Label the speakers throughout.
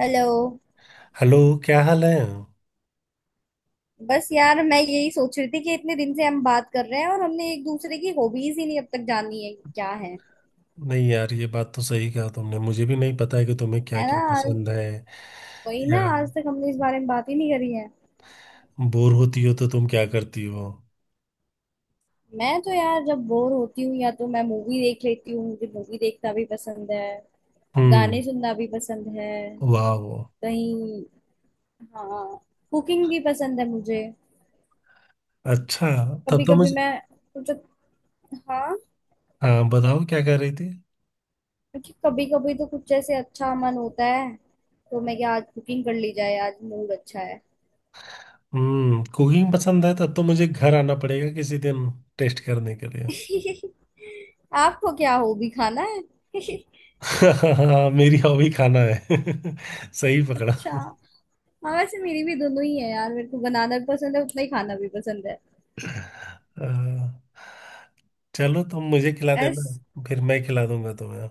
Speaker 1: Hello.
Speaker 2: Hello. क्या हाल है?
Speaker 1: बस यार मैं यही सोच रही थी कि इतने दिन से हम बात कर रहे हैं और हमने एक दूसरे की हॉबीज ही नहीं अब तक जानी है कि क्या है।
Speaker 2: नहीं यार, ये बात तो सही कहा तुमने। मुझे भी नहीं पता है कि तुम्हें क्या
Speaker 1: है
Speaker 2: क्या
Speaker 1: ना? आज
Speaker 2: पसंद है।
Speaker 1: वही ना,
Speaker 2: या
Speaker 1: आज तक हमने इस बारे में बात ही नहीं करी है।
Speaker 2: बोर होती हो तो तुम क्या करती हो?
Speaker 1: मैं तो यार जब बोर होती हूँ या तो मैं मूवी देख लेती हूँ, मुझे मूवी देखना भी पसंद है।
Speaker 2: हम्म।
Speaker 1: गाने सुनना भी पसंद है।
Speaker 2: वाह।
Speaker 1: कहीं। हाँ, कुकिंग भी पसंद है मुझे।
Speaker 2: अच्छा। तब
Speaker 1: कभी
Speaker 2: तो
Speaker 1: कभी
Speaker 2: मुझे,
Speaker 1: मैं कुछ। हाँ,
Speaker 2: हाँ बताओ क्या कर रही थी?
Speaker 1: क्योंकि कभी कभी तो कुछ ऐसे अच्छा मन होता है, तो मैं क्या आज कुकिंग कर ली जाए, आज मूड अच्छा है।
Speaker 2: हम्म, कुकिंग पसंद है तब तो मुझे घर आना पड़ेगा किसी दिन टेस्ट करने के लिए।
Speaker 1: आपको क्या हॉबी खाना है?
Speaker 2: हाँ, मेरी हॉबी खाना है। सही पकड़ा।
Speaker 1: अच्छा। हाँ वैसे मेरी भी दोनों ही है यार, मेरे को बनाना भी पसंद है उतना ही खाना भी पसंद है।
Speaker 2: हाँ, चलो तुम मुझे खिला
Speaker 1: एस।
Speaker 2: देना, फिर मैं खिला दूंगा तुम्हें।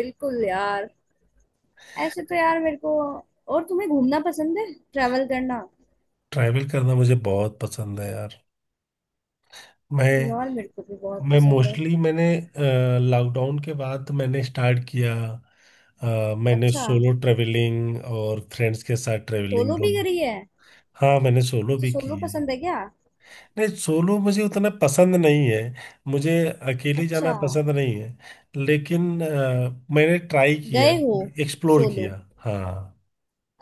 Speaker 1: बिल्कुल यार। ऐसे तो यार मेरे को और तुम्हें घूमना पसंद है, ट्रैवल करना।
Speaker 2: ट्रैवल करना मुझे बहुत पसंद है यार। मैं
Speaker 1: यार मेरे को भी बहुत
Speaker 2: मैं
Speaker 1: पसंद है।
Speaker 2: मोस्टली मैंने लॉकडाउन के बाद मैंने स्टार्ट किया। मैंने
Speaker 1: अच्छा,
Speaker 2: सोलो ट्रेवलिंग और फ्रेंड्स के साथ ट्रेवलिंग
Speaker 1: सोलो भी
Speaker 2: दोनों।
Speaker 1: करी है?
Speaker 2: हाँ मैंने सोलो
Speaker 1: अच्छा,
Speaker 2: भी
Speaker 1: सोलो
Speaker 2: की है।
Speaker 1: पसंद है क्या?
Speaker 2: नहीं सोलो मुझे उतना पसंद नहीं है। मुझे अकेले
Speaker 1: अच्छा,
Speaker 2: जाना पसंद नहीं है। लेकिन मैंने ट्राई किया,
Speaker 1: गए हो
Speaker 2: एक्सप्लोर
Speaker 1: सोलो?
Speaker 2: किया। हाँ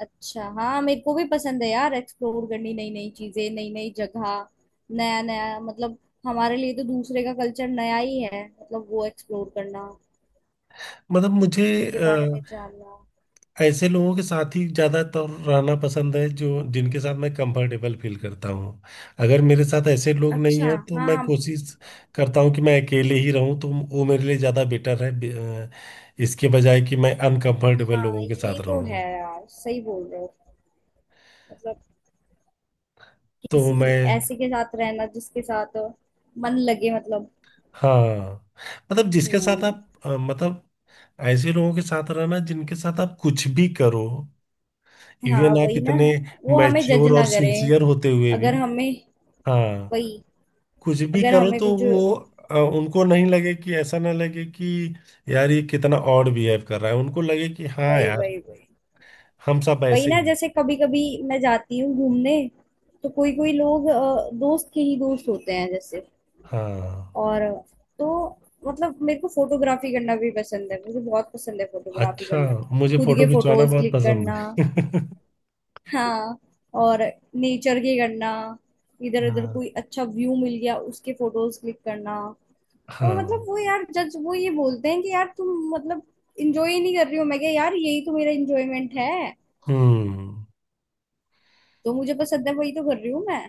Speaker 1: अच्छा हाँ, मेरे को भी पसंद है यार एक्सप्लोर करनी नई नई चीजें, नई नई जगह। नया नया मतलब हमारे लिए तो दूसरे का कल्चर नया ही है, मतलब वो एक्सप्लोर करना,
Speaker 2: मतलब मुझे
Speaker 1: उनके बारे में जानना।
Speaker 2: ऐसे लोगों के साथ ही ज्यादातर रहना पसंद है जो जिनके साथ मैं कंफर्टेबल फील करता हूँ। अगर मेरे साथ ऐसे लोग नहीं
Speaker 1: अच्छा।
Speaker 2: है तो
Speaker 1: हाँ
Speaker 2: मैं कोशिश करता हूँ कि मैं अकेले ही रहूँ, तो वो मेरे लिए ज्यादा बेटर है अ, इसके बजाय कि मैं अनकंफर्टेबल
Speaker 1: हाँ,
Speaker 2: लोगों के
Speaker 1: ये
Speaker 2: साथ
Speaker 1: तो है
Speaker 2: रहूँ।
Speaker 1: यार, सही बोल रहे हो। मतलब
Speaker 2: तो
Speaker 1: किसी
Speaker 2: मैं,
Speaker 1: ऐसे के साथ रहना जिसके साथ मन लगे, मतलब।
Speaker 2: हाँ मतलब जिसके साथ
Speaker 1: हम्म।
Speaker 2: आप मतलब ऐसे लोगों के साथ रहना जिनके साथ आप कुछ भी करो,
Speaker 1: हाँ
Speaker 2: इवन आप
Speaker 1: वही ना,
Speaker 2: इतने
Speaker 1: वो हमें जज
Speaker 2: मैच्योर और
Speaker 1: ना करे।
Speaker 2: सिंसियर होते हुए भी।
Speaker 1: अगर हमें
Speaker 2: हाँ
Speaker 1: वही,
Speaker 2: कुछ भी
Speaker 1: अगर
Speaker 2: करो
Speaker 1: हमें
Speaker 2: तो
Speaker 1: कुछ वही,
Speaker 2: वो उनको नहीं लगे कि, ऐसा ना लगे कि यार ये कितना ऑड बिहेव कर रहा है, उनको लगे कि हाँ
Speaker 1: वही
Speaker 2: यार
Speaker 1: वही,
Speaker 2: हम सब
Speaker 1: वही
Speaker 2: ऐसे ही
Speaker 1: ना
Speaker 2: हैं।
Speaker 1: जैसे कभी कभी मैं जाती हूँ घूमने, तो कोई कोई लोग दोस्त के ही दोस्त होते हैं जैसे।
Speaker 2: हाँ।
Speaker 1: और तो मतलब मेरे को फोटोग्राफी करना भी पसंद है, मुझे बहुत पसंद है फोटोग्राफी
Speaker 2: अच्छा,
Speaker 1: करना।
Speaker 2: मुझे
Speaker 1: खुद
Speaker 2: फोटो
Speaker 1: के
Speaker 2: खिंचवाना
Speaker 1: फोटोज
Speaker 2: बहुत
Speaker 1: क्लिक
Speaker 2: पसंद
Speaker 1: करना।
Speaker 2: है।
Speaker 1: हाँ, और नेचर के करना, इधर उधर
Speaker 2: हाँ।
Speaker 1: कोई अच्छा व्यू मिल गया उसके फोटोज क्लिक करना। और
Speaker 2: हाँ।
Speaker 1: मतलब वो यार जज वो ये बोलते हैं कि यार तुम मतलब इंजॉय नहीं कर रही हो। मैं क्या यार, यही तो मेरा इंजॉयमेंट है,
Speaker 2: हम्म।
Speaker 1: तो मुझे पसंद है, वही तो कर रही हूँ मैं।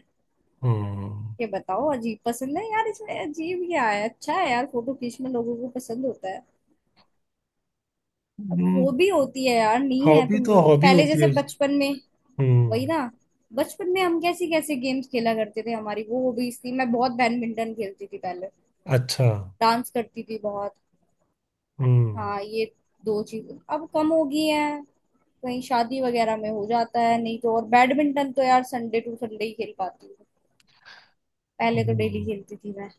Speaker 2: हम्म।
Speaker 1: ये बताओ अजीब पसंद है यार, इसमें अजीब क्या है, अच्छा है यार फोटो खींचना, लोगों को पसंद होता है। अब वो भी होती है यार, नहीं है
Speaker 2: हॉबी
Speaker 1: तुम
Speaker 2: तो
Speaker 1: लोगों
Speaker 2: हॉबी
Speaker 1: पहले
Speaker 2: होती है
Speaker 1: जैसे
Speaker 2: उसकी।
Speaker 1: बचपन में। वही
Speaker 2: हम्म।
Speaker 1: ना, बचपन में हम कैसे कैसे गेम्स खेला करते थे, हमारी वो हॉबीज थी। मैं बहुत बैडमिंटन खेलती थी पहले।
Speaker 2: अच्छा।
Speaker 1: डांस करती थी बहुत।
Speaker 2: हम्म।
Speaker 1: हाँ, ये दो चीज अब कम हो गई है। कहीं शादी वगैरह में हो जाता है, नहीं तो, और बैडमिंटन तो यार संडे टू संडे ही खेल पाती हूँ। पहले तो डेली
Speaker 2: हम्म।
Speaker 1: खेलती थी मैं।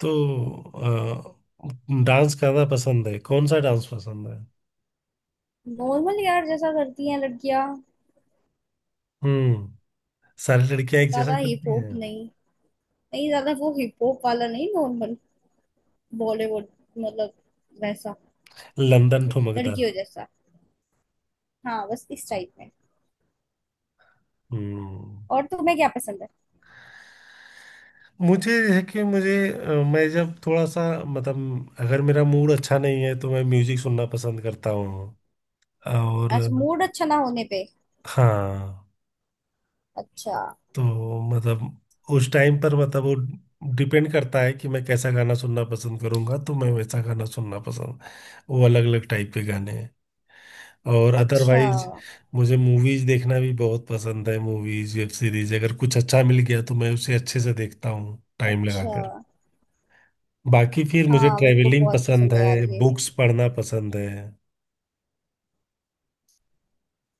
Speaker 2: तो डांस करना पसंद है, कौन सा डांस पसंद है?
Speaker 1: नॉर्मल यार, जैसा करती हैं लड़कियां।
Speaker 2: हम्म, सारी लड़कियां एक जैसा
Speaker 1: ज्यादा हिप
Speaker 2: करती हैं।
Speaker 1: हॉप नहीं। नहीं ज्यादा वो हिप हॉप वाला नहीं, नॉर्मल बॉलीवुड, मतलब वैसा,
Speaker 2: लंदन ठुमकदा।
Speaker 1: लड़कियों जैसा। हाँ बस इस टाइप में।
Speaker 2: हम्म।
Speaker 1: और तुम्हें क्या पसंद है?
Speaker 2: मुझे है कि मुझे मैं जब थोड़ा सा मतलब अगर मेरा मूड अच्छा नहीं है तो मैं म्यूजिक सुनना पसंद करता हूँ, और
Speaker 1: अच्छा, मूड अच्छा ना होने पे?
Speaker 2: हाँ
Speaker 1: अच्छा।
Speaker 2: तो मतलब उस टाइम पर मतलब वो डिपेंड करता है कि मैं कैसा गाना सुनना पसंद करूंगा तो मैं वैसा गाना सुनना पसंद। वो अलग अलग टाइप के गाने हैं। और
Speaker 1: अच्छा।
Speaker 2: अदरवाइज मुझे मूवीज देखना भी बहुत पसंद है। मूवीज, वेब सीरीज अगर कुछ अच्छा मिल गया तो मैं उसे अच्छे से देखता हूँ टाइम
Speaker 1: अच्छा
Speaker 2: लगाकर। बाकी फिर मुझे
Speaker 1: हाँ, मेरे को
Speaker 2: ट्रेवलिंग
Speaker 1: बहुत
Speaker 2: पसंद
Speaker 1: पसंद है यार
Speaker 2: है,
Speaker 1: ये।
Speaker 2: बुक्स पढ़ना पसंद है।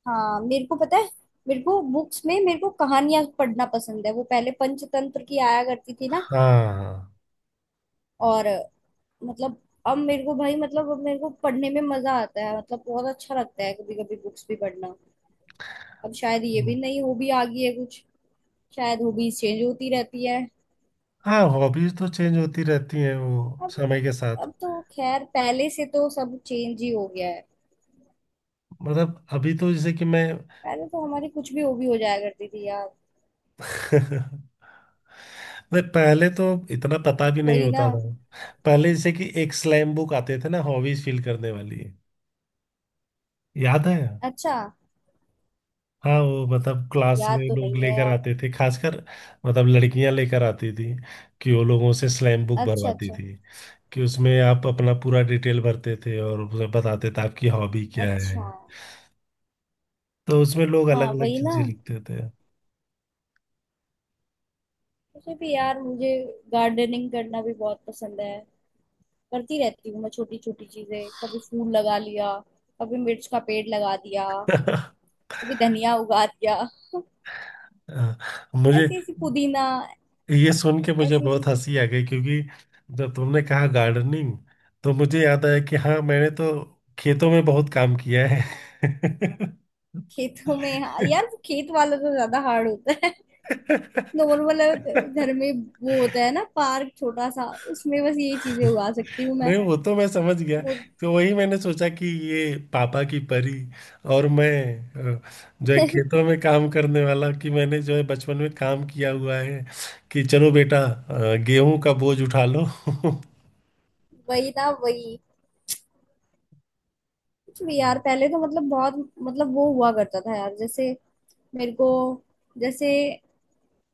Speaker 1: हाँ मेरे को पता है। मेरे को बुक्स में, मेरे को कहानियां पढ़ना पसंद है, वो पहले पंचतंत्र की आया करती थी ना।
Speaker 2: हाँ।
Speaker 1: और मतलब अब मेरे को भाई, मतलब अब मेरे को पढ़ने में मजा आता है, मतलब बहुत अच्छा लगता है कभी कभी बुक्स भी पढ़ना। अब शायद ये भी
Speaker 2: हम्म।
Speaker 1: नई हॉबी आ गई है कुछ। शायद हॉबीज चेंज होती रहती है।
Speaker 2: हाँ हॉबीज तो चेंज होती रहती हैं वो
Speaker 1: अब
Speaker 2: समय के साथ।
Speaker 1: अब तो खैर पहले से तो सब चेंज ही हो गया है।
Speaker 2: मतलब अभी तो जैसे कि मैं,
Speaker 1: पहले तो हमारी कुछ भी हॉबी हो जाया करती थी यार।
Speaker 2: नहीं पहले तो इतना पता भी नहीं
Speaker 1: वही ना।
Speaker 2: होता था। पहले जैसे कि एक स्लैम बुक आते थे ना, हॉबीज फील करने वाली, याद है?
Speaker 1: अच्छा,
Speaker 2: हाँ, वो मतलब क्लास
Speaker 1: याद
Speaker 2: में
Speaker 1: तो
Speaker 2: लोग
Speaker 1: नहीं है
Speaker 2: लेकर
Speaker 1: यार।
Speaker 2: आते थे खासकर, मतलब लड़कियां लेकर आती थी कि वो लोगों से स्लैम बुक
Speaker 1: अच्छा
Speaker 2: भरवाती
Speaker 1: अच्छा।
Speaker 2: थी, कि उसमें आप अपना पूरा डिटेल भरते थे और उसे बताते थे आपकी हॉबी क्या
Speaker 1: अच्छा।
Speaker 2: है। तो उसमें लोग
Speaker 1: हाँ
Speaker 2: अलग अलग
Speaker 1: वही ना,
Speaker 2: चीजें लिखते थे।
Speaker 1: मुझे भी यार, मुझे गार्डनिंग करना भी बहुत पसंद है। करती रहती हूँ मैं छोटी छोटी चीजें, कभी फूल लगा लिया, कभी मिर्च का पेड़ लगा दिया, कभी धनिया उगा दिया,
Speaker 2: मुझे
Speaker 1: ऐसी ऐसी पुदीना,
Speaker 2: ये सुन के मुझे
Speaker 1: ऐसी ऐसी
Speaker 2: बहुत
Speaker 1: चीज।
Speaker 2: हंसी आ गई क्योंकि जब तुमने कहा गार्डनिंग तो मुझे याद आया कि हाँ मैंने तो खेतों में बहुत काम किया है।
Speaker 1: खेतों में? हाँ यार, वो खेत वाला तो ज्यादा हार्ड होता है। नॉर्मल घर में वो होता है ना पार्क छोटा सा, उसमें बस ये चीजें उगा सकती हूँ मैं।
Speaker 2: नहीं वो तो मैं समझ गया।
Speaker 1: वो।
Speaker 2: तो वही मैंने सोचा कि ये पापा की परी, और मैं अ, जो है खेतों में काम करने वाला, कि मैंने जो है बचपन में काम किया हुआ है, कि चलो बेटा गेहूं का बोझ उठा लो।
Speaker 1: वही ना, वही। कुछ भी
Speaker 2: हम्म।
Speaker 1: यार पहले तो, मतलब बहुत, मतलब वो हुआ करता था यार, जैसे मेरे को, जैसे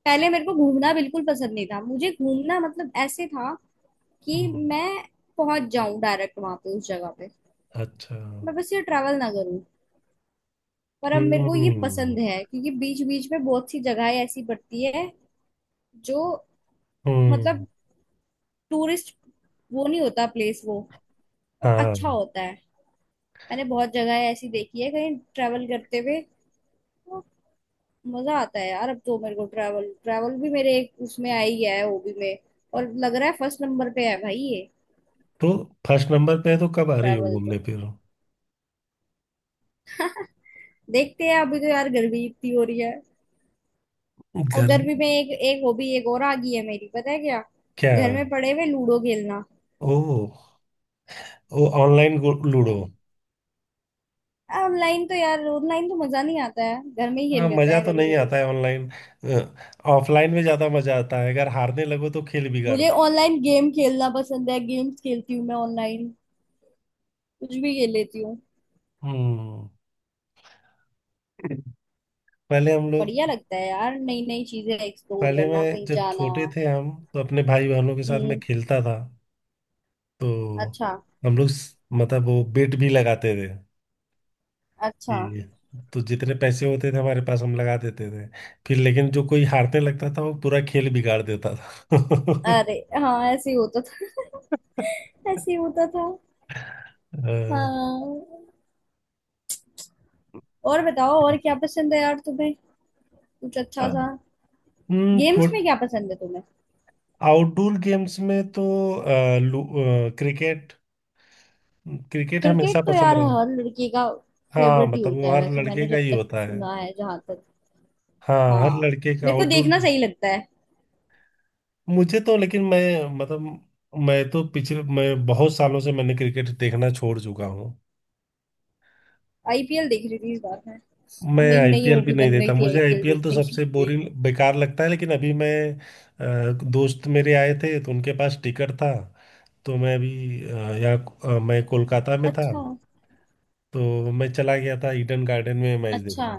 Speaker 1: पहले मेरे को घूमना बिल्कुल पसंद नहीं था, मुझे घूमना मतलब ऐसे था कि मैं पहुंच जाऊं डायरेक्ट वहां पे, उस जगह पे,
Speaker 2: अच्छा।
Speaker 1: मैं बस ये ट्रैवल ना करूं। पर अब मेरे को ये
Speaker 2: हम्म।
Speaker 1: पसंद है क्योंकि बीच बीच में बहुत सी जगहें ऐसी पड़ती है जो
Speaker 2: हम्म।
Speaker 1: मतलब टूरिस्ट वो नहीं होता प्लेस, वो अच्छा
Speaker 2: हाँ।
Speaker 1: होता है। मैंने बहुत जगह ऐसी देखी है कहीं ट्रैवल करते हुए, तो मजा आता है यार। अब तो मेरे को ट्रैवल, ट्रैवल भी मेरे एक उसमें आई है हॉबी में, और लग रहा है फर्स्ट नंबर पे है भाई ये।
Speaker 2: तो फर्स्ट नंबर पे है तो कब आ रही हो
Speaker 1: ट्रैवल तो
Speaker 2: घूमने फिर?
Speaker 1: देखते हैं, अभी तो यार गर्मी इतनी हो रही है। अब
Speaker 2: घर,
Speaker 1: गर्मी में एक एक हॉबी एक और आ गई है मेरी, पता है क्या?
Speaker 2: क्या?
Speaker 1: घर में पड़े हुए लूडो खेलना।
Speaker 2: ओ, ओ ऑनलाइन लूडो।
Speaker 1: ऑनलाइन तो यार ऑनलाइन तो मजा नहीं आता है, घर में ही
Speaker 2: हाँ
Speaker 1: खेल लेते
Speaker 2: मजा
Speaker 1: हैं
Speaker 2: तो
Speaker 1: कभी
Speaker 2: नहीं
Speaker 1: कभी।
Speaker 2: आता है ऑनलाइन, ऑफलाइन में ज्यादा मजा आता है, अगर हारने लगो तो खेल बिगाड़
Speaker 1: मुझे
Speaker 2: दो।
Speaker 1: ऑनलाइन गेम खेलना पसंद है, गेम्स खेलती हूँ मैं ऑनलाइन, कुछ भी खेल लेती हूँ।
Speaker 2: हम्म। पहले हम लोग,
Speaker 1: बढ़िया लगता है यार नई नई चीजें एक्सप्लोर
Speaker 2: पहले
Speaker 1: करना,
Speaker 2: मैं
Speaker 1: कहीं
Speaker 2: जब
Speaker 1: जाना।
Speaker 2: छोटे थे हम तो अपने भाई बहनों के साथ मैं
Speaker 1: हम्म।
Speaker 2: खेलता था। तो
Speaker 1: अच्छा।
Speaker 2: हम लोग मतलब वो बेट भी लगाते थे।
Speaker 1: अच्छा।
Speaker 2: जी, तो जितने पैसे होते थे हमारे पास हम लगा देते थे। फिर लेकिन जो कोई हारने लगता था वो पूरा खेल बिगाड़ देता था।
Speaker 1: अरे, हाँ ऐसे ही होता था। ऐसे ही होता था।
Speaker 2: अ,
Speaker 1: हाँ। और बताओ और क्या पसंद है यार तुम्हें, कुछ अच्छा सा?
Speaker 2: हम्म।
Speaker 1: गेम्स में क्या पसंद है तुम्हें?
Speaker 2: आउटडोर गेम्स में तो अ, लू- क्रिकेट, क्रिकेट हमेशा
Speaker 1: क्रिकेट तो
Speaker 2: पसंद
Speaker 1: यार
Speaker 2: रहा।
Speaker 1: हर लड़की का
Speaker 2: हाँ
Speaker 1: फेवरेट ही
Speaker 2: मतलब
Speaker 1: होता
Speaker 2: वो
Speaker 1: है,
Speaker 2: हर
Speaker 1: वैसे मैंने
Speaker 2: लड़के का
Speaker 1: जब
Speaker 2: ही
Speaker 1: तक
Speaker 2: होता है।
Speaker 1: सुना है, जहां तक।
Speaker 2: हाँ हर
Speaker 1: हाँ
Speaker 2: लड़के का
Speaker 1: मेरे को
Speaker 2: आउटडोर।
Speaker 1: देखना सही लगता है।
Speaker 2: मुझे तो लेकिन मैं, मतलब मैं तो पिछले, मैं बहुत सालों से मैंने क्रिकेट देखना छोड़ चुका हूँ।
Speaker 1: आईपीएल देख रही थी इस बार मैं।
Speaker 2: मैं
Speaker 1: अब मेरी नई
Speaker 2: आईपीएल भी
Speaker 1: हॉबी
Speaker 2: नहीं
Speaker 1: बन
Speaker 2: देखता,
Speaker 1: गई थी
Speaker 2: मुझे
Speaker 1: आईपीएल
Speaker 2: आईपीएल तो
Speaker 1: देखने की।
Speaker 2: सबसे बोरिंग बेकार लगता है। लेकिन अभी मैं दोस्त मेरे आए थे तो उनके पास टिकट था, तो मैं अभी यहाँ मैं कोलकाता में था
Speaker 1: अच्छा।
Speaker 2: तो मैं चला गया था ईडन गार्डन में मैच
Speaker 1: अच्छा,
Speaker 2: देखने।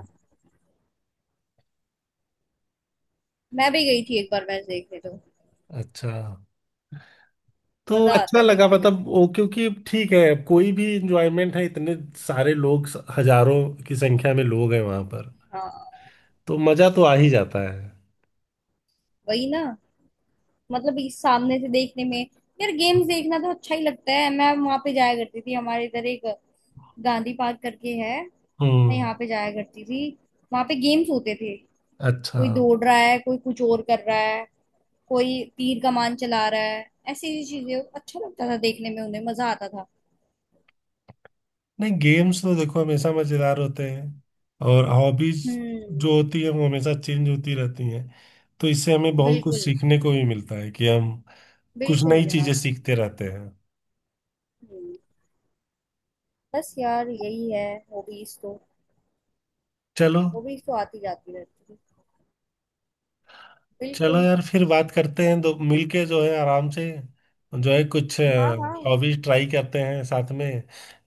Speaker 1: मैं भी गई थी एक बार मैच देखने, तो
Speaker 2: अच्छा। तो
Speaker 1: मजा आता
Speaker 2: अच्छा
Speaker 1: है
Speaker 2: लगा
Speaker 1: देखने में।
Speaker 2: मतलब वो क्योंकि ठीक है, कोई भी इंजॉयमेंट है, इतने सारे लोग, हजारों की संख्या में लोग हैं वहां पर
Speaker 1: हाँ
Speaker 2: तो मजा तो आ ही जाता है।
Speaker 1: वही ना, मतलब इस सामने से देखने में। यार गेम्स देखना तो अच्छा ही लगता है, मैं वहां पे जाया करती थी, हमारे इधर एक गांधी पार्क करके है, मैं
Speaker 2: हम्म।
Speaker 1: यहाँ पे जाया करती थी, वहां पे गेम्स होते थे,
Speaker 2: अच्छा।
Speaker 1: कोई दौड़ रहा है, कोई कुछ और कर रहा है, कोई तीर कमान चला रहा है, ऐसी ऐसी चीजें अच्छा लगता था देखने में, उन्हें मजा आता था।
Speaker 2: नहीं गेम्स तो देखो हमेशा मजेदार होते हैं। और हॉबीज
Speaker 1: हम्म।
Speaker 2: जो होती है वो हमेशा चेंज होती रहती हैं, तो इससे हमें बहुत कुछ
Speaker 1: बिल्कुल,
Speaker 2: सीखने को भी मिलता है कि हम कुछ
Speaker 1: बिल्कुल
Speaker 2: नई चीजें
Speaker 1: यार।
Speaker 2: सीखते रहते हैं।
Speaker 1: हम्म, बस यार यही है। हॉबीज तो,
Speaker 2: चलो,
Speaker 1: हॉबीज तो आती जाती रहती है।
Speaker 2: चलो
Speaker 1: बिल्कुल।
Speaker 2: यार फिर बात करते हैं तो मिलके जो है आराम से, जो है कुछ
Speaker 1: हाँ हाँ।
Speaker 2: हॉबीज ट्राई करते हैं साथ में,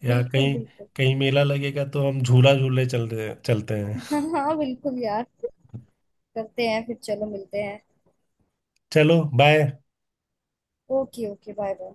Speaker 2: या
Speaker 1: बिल्कुल
Speaker 2: कहीं,
Speaker 1: बिल्कुल।
Speaker 2: कहीं मेला लगेगा तो हम झूला झूलने चल चलते हैं।
Speaker 1: हाँ हाँ बिल्कुल यार। करते हैं फिर, चलो मिलते हैं।
Speaker 2: चलो bye.
Speaker 1: Okay okay, bye bye.